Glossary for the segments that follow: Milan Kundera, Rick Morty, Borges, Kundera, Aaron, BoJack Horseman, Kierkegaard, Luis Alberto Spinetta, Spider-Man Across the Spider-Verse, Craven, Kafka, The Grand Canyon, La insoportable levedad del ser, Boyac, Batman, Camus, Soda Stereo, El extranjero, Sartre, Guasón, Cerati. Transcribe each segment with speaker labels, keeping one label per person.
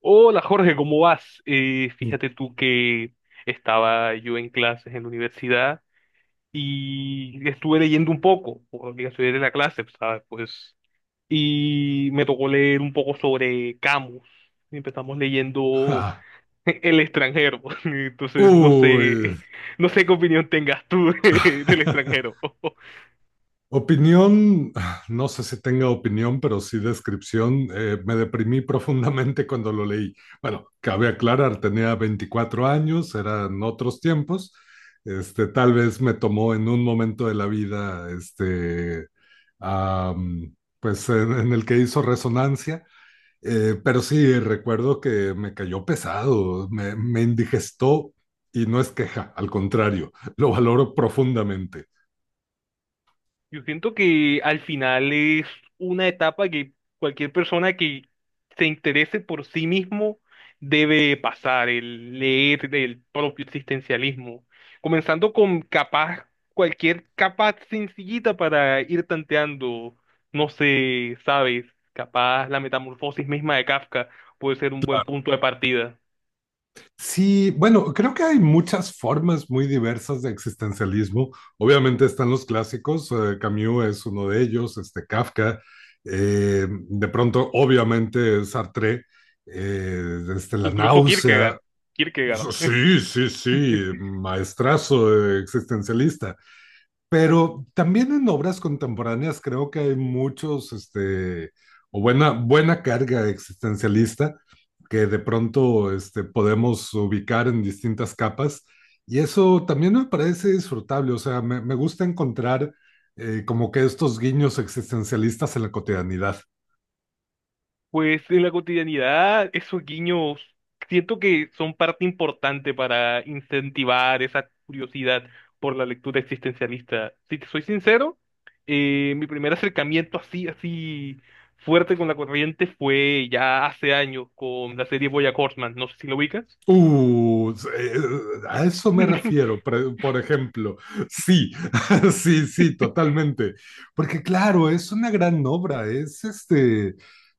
Speaker 1: Hola Jorge, ¿cómo vas? Fíjate tú que estaba yo en clases en la universidad y estuve leyendo un poco, por obligación de la clase, ¿sabes? Pues, y me tocó leer un poco sobre Camus. Y empezamos leyendo
Speaker 2: Ja.
Speaker 1: El extranjero. Entonces, no sé,
Speaker 2: Uy.
Speaker 1: no sé qué opinión tengas tú del extranjero.
Speaker 2: Opinión, no sé si tenga opinión, pero sí descripción. Me deprimí profundamente cuando lo leí. Bueno, cabe aclarar, tenía 24 años, eran otros tiempos. Este, tal vez me tomó en un momento de la vida, pues en el que hizo resonancia. Pero sí, recuerdo que me cayó pesado, me indigestó y no es queja, al contrario, lo valoro profundamente.
Speaker 1: Yo siento que al final es una etapa que cualquier persona que se interese por sí mismo debe pasar, el leer del propio existencialismo, comenzando con capaz, cualquier capa sencillita para ir tanteando, no sé, sabes, capaz la metamorfosis misma de Kafka puede ser un buen punto de partida,
Speaker 2: Sí, bueno, creo que hay muchas formas muy diversas de existencialismo. Obviamente están los clásicos, Camus es uno de ellos, este Kafka, de pronto, obviamente, Sartre, este, la
Speaker 1: incluso Kierkegaard,
Speaker 2: náusea.
Speaker 1: Kierkegaard.
Speaker 2: Sí, sí, sí, maestrazo existencialista. Pero también en obras contemporáneas creo que hay muchos, este, o buena carga existencialista que de pronto este, podemos ubicar en distintas capas. Y eso también me parece disfrutable, o sea, me gusta encontrar como que estos guiños existencialistas en la cotidianidad.
Speaker 1: Pues en la cotidianidad, esos guiños siento que son parte importante para incentivar esa curiosidad por la lectura existencialista. Si te soy sincero, mi primer acercamiento así, así fuerte con la corriente fue ya hace años con la serie BoJack Horseman. No sé si lo ubicas.
Speaker 2: Uh, eh, a eso me refiero, por ejemplo. Sí, sí, sí, totalmente. Porque claro, es una gran obra, es este,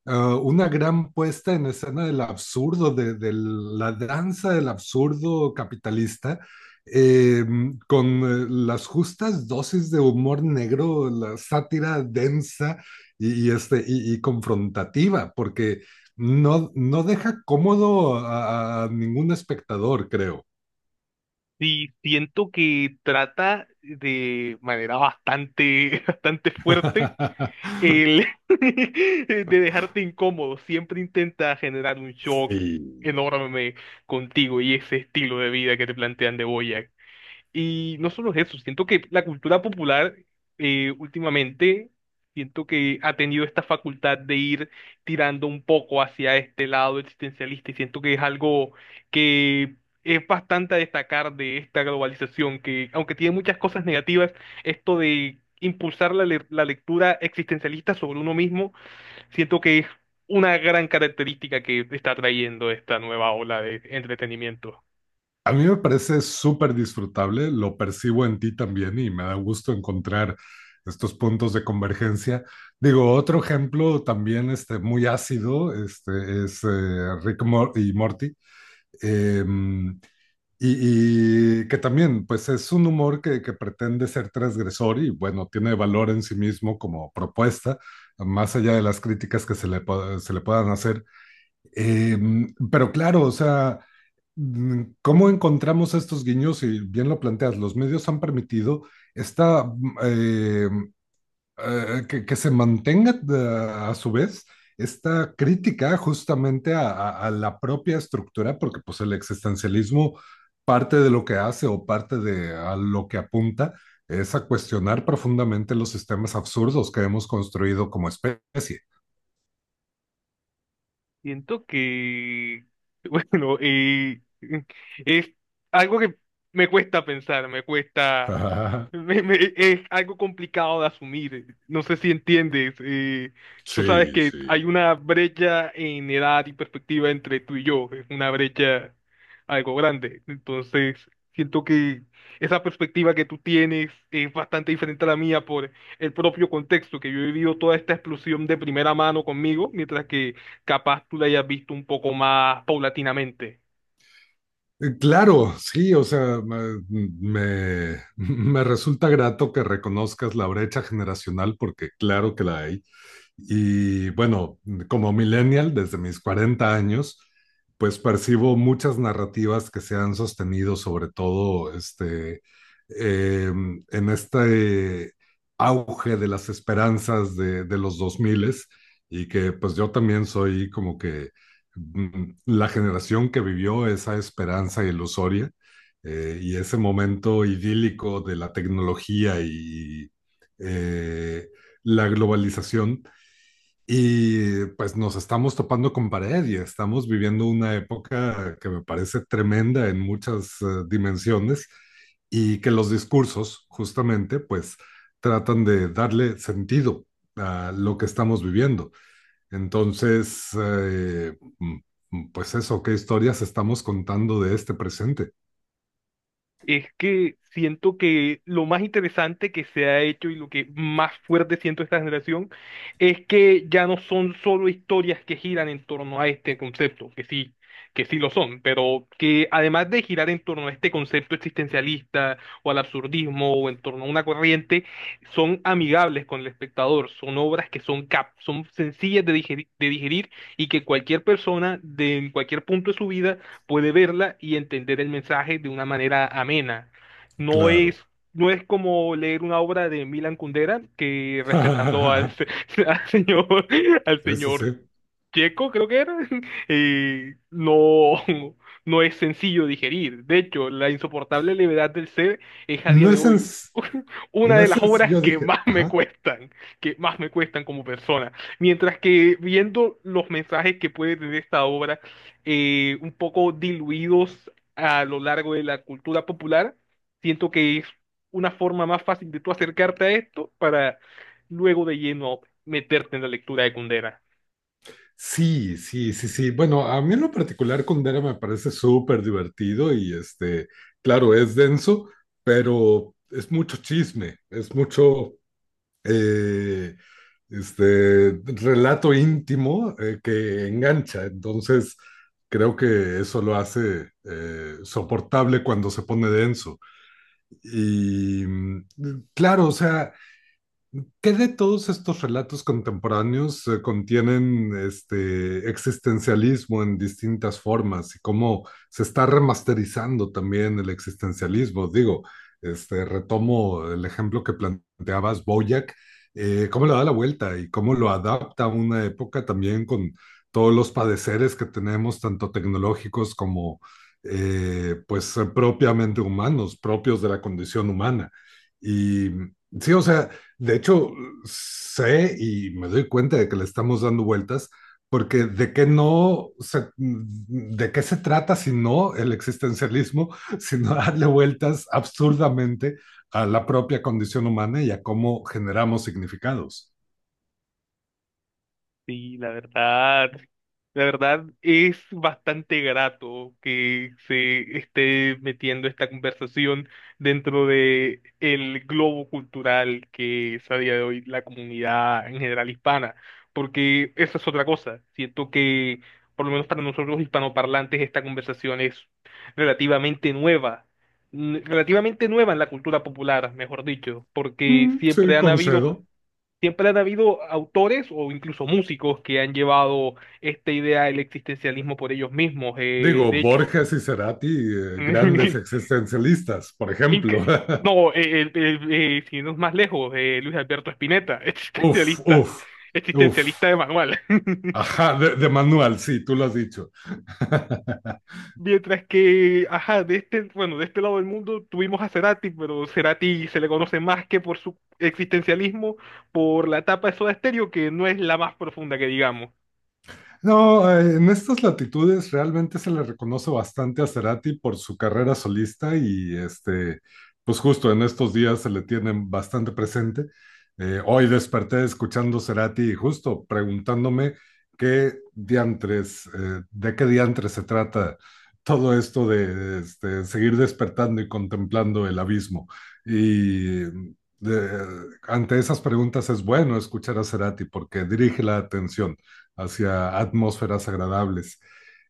Speaker 2: una gran puesta en escena del absurdo, de la danza del absurdo capitalista, eh, con las justas dosis de humor negro, la sátira densa este, y confrontativa, porque... No, no deja cómodo a ningún espectador, creo.
Speaker 1: Sí, siento que trata de manera bastante, bastante fuerte el de dejarte incómodo, siempre intenta generar un shock
Speaker 2: Sí.
Speaker 1: enorme contigo y ese estilo de vida que te plantean de, y no solo eso, siento que la cultura popular últimamente, siento que ha tenido esta facultad de ir tirando un poco hacia este lado existencialista, y siento que es algo que es bastante a destacar de esta globalización, que aunque tiene muchas cosas negativas, esto de impulsar la lectura existencialista sobre uno mismo, siento que es una gran característica que está trayendo esta nueva ola de entretenimiento.
Speaker 2: A mí me parece súper disfrutable, lo percibo en ti también y me da gusto encontrar estos puntos de convergencia. Digo, otro ejemplo también este, muy ácido este, es Rick y Morty. Em, y que también, pues es un humor que pretende ser transgresor y bueno, tiene valor en sí mismo como propuesta, más allá de las críticas que se se le puedan hacer. Eh, pero claro, o sea, ¿cómo encontramos estos guiños? Y bien lo planteas, los medios han permitido esta que se mantenga a su vez esta crítica justamente a la propia estructura, porque pues el existencialismo parte de lo que hace o parte de a lo que apunta es a cuestionar profundamente los sistemas absurdos que hemos construido como especie.
Speaker 1: Siento que, bueno, es algo que me cuesta pensar, me cuesta, es algo complicado de asumir. No sé si entiendes. Tú sabes
Speaker 2: Sí,
Speaker 1: que
Speaker 2: sí.
Speaker 1: hay una brecha en edad y perspectiva entre tú y yo, es una brecha algo grande. Entonces, siento que esa perspectiva que tú tienes es bastante diferente a la mía por el propio contexto, que yo he vivido toda esta explosión de primera mano conmigo, mientras que capaz tú la hayas visto un poco más paulatinamente.
Speaker 2: Claro, sí, o sea, me resulta grato que reconozcas la brecha generacional porque claro que la hay. Y bueno, como millennial, desde mis 40 años, pues percibo muchas narrativas que se han sostenido, sobre todo este, eh, en este auge de las esperanzas de los 2000, y que pues yo también soy como que la generación que vivió esa esperanza ilusoria y ese momento idílico de la tecnología y eh, la globalización y pues nos estamos topando con pared y estamos viviendo una época que me parece tremenda en muchas dimensiones y que los discursos justamente pues tratan de darle sentido a lo que estamos viviendo. Entonces, pues eso, ¿qué historias estamos contando de este presente?
Speaker 1: Es que siento que lo más interesante que se ha hecho y lo que más fuerte siento esta generación es que ya no son solo historias que giran en torno a este concepto, que sí lo son, pero que además de girar en torno a este concepto existencialista o al absurdismo o en torno a una corriente, son amigables con el espectador, son obras que son cap, son sencillas de digerir, de digerir, y que cualquier persona de en cualquier punto de su vida puede verla y entender el mensaje de una manera amena. No
Speaker 2: Claro.
Speaker 1: es, no es como leer una obra de Milan Kundera que respetando al, se- al señor, al
Speaker 2: Ese sí.
Speaker 1: señor
Speaker 2: Sí.
Speaker 1: checo, creo que era, no, no es sencillo digerir. De hecho, la insoportable levedad del ser es a día
Speaker 2: No
Speaker 1: de
Speaker 2: es, en-
Speaker 1: hoy una
Speaker 2: no
Speaker 1: de
Speaker 2: es,
Speaker 1: las
Speaker 2: en-
Speaker 1: obras
Speaker 2: yo
Speaker 1: que
Speaker 2: dije,
Speaker 1: más me
Speaker 2: ajá.
Speaker 1: cuestan, que más me cuestan como persona. Mientras que viendo los mensajes que puede tener esta obra, un poco diluidos a lo largo de la cultura popular, siento que es una forma más fácil de tú acercarte a esto para luego de lleno meterte en la lectura de Kundera.
Speaker 2: Sí, sí, sí, sí. Bueno, a mí en lo particular Kundera me parece súper divertido y este, claro, es denso, pero es mucho chisme, es mucho eh, este relato íntimo que engancha. Entonces, creo que eso lo hace soportable cuando se pone denso. Y claro, o sea, ¿qué de todos estos relatos contemporáneos contienen este existencialismo en distintas formas y cómo se está remasterizando también el existencialismo? Digo, este, retomo el ejemplo que planteabas, Boyac, cómo le da la vuelta y cómo lo adapta a una época también con todos los padeceres que tenemos, tanto tecnológicos como pues propiamente humanos, propios de la condición humana. Y sí, o sea, de hecho, sé y me doy cuenta de que le estamos dando vueltas, porque de qué se trata si no el existencialismo, sino darle vueltas absurdamente a la propia condición humana y a cómo generamos significados.
Speaker 1: Sí, la verdad es bastante grato que se esté metiendo esta conversación dentro de el globo cultural que es a día de hoy la comunidad en general hispana, porque esa es otra cosa. Siento que, por lo menos para nosotros los hispanoparlantes, esta conversación es relativamente nueva, relativamente nueva en la cultura popular, mejor dicho, porque
Speaker 2: Sí,
Speaker 1: siempre han habido.
Speaker 2: concedo.
Speaker 1: Siempre han habido autores o incluso músicos que han llevado esta idea del existencialismo por ellos mismos.
Speaker 2: Digo,
Speaker 1: De hecho,
Speaker 2: Borges y Cerati, grandes
Speaker 1: Inc-
Speaker 2: existencialistas, por ejemplo.
Speaker 1: no, si no es más lejos, Luis Alberto Spinetta,
Speaker 2: Uf,
Speaker 1: existencialista,
Speaker 2: uf, uf.
Speaker 1: existencialista de manual.
Speaker 2: Ajá, de manual, sí, tú lo has dicho.
Speaker 1: Mientras que, ajá, de este, bueno, de este lado del mundo tuvimos a Cerati, pero Cerati se le conoce más que por su existencialismo, por la etapa de Soda Stereo, que no es la más profunda que digamos.
Speaker 2: No, en estas latitudes realmente se le reconoce bastante a Cerati por su carrera solista y este, pues justo en estos días se le tienen bastante presente. Hoy desperté escuchando Cerati y justo preguntándome qué diantres, de qué diantres se trata todo esto de este, seguir despertando y contemplando el abismo. Y de- ante esas preguntas es bueno escuchar a Cerati porque dirige la atención hacia atmósferas agradables.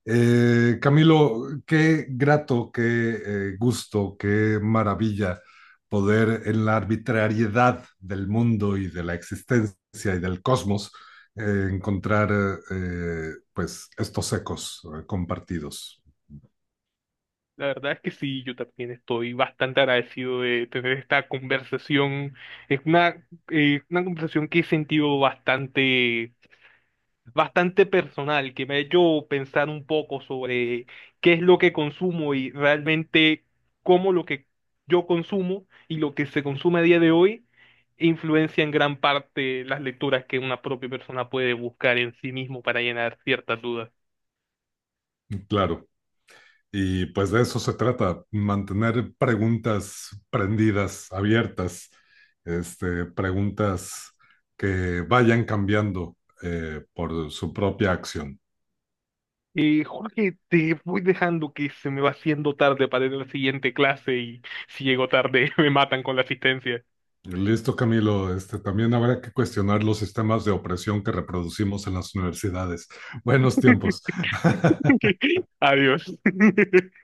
Speaker 2: Camilo, qué grato, qué gusto, qué maravilla poder en la arbitrariedad del mundo y de la existencia y del cosmos encontrar pues estos ecos compartidos.
Speaker 1: La verdad es que sí, yo también estoy bastante agradecido de tener esta conversación. Es una conversación que he sentido bastante, bastante personal, que me ha hecho pensar un poco sobre qué es lo que consumo y realmente cómo lo que yo consumo y lo que se consume a día de hoy influencia en gran parte las lecturas que una propia persona puede buscar en sí mismo para llenar ciertas dudas.
Speaker 2: Claro. Y pues de eso se trata, mantener preguntas prendidas, abiertas, este, preguntas que vayan cambiando por su propia acción.
Speaker 1: Jorge, te voy dejando, que se me va haciendo tarde para ir a la siguiente clase, y si llego tarde me matan con la asistencia.
Speaker 2: Listo, Camilo. Este, también habrá que cuestionar los sistemas de opresión que reproducimos en las universidades. Buenos tiempos.
Speaker 1: Adiós.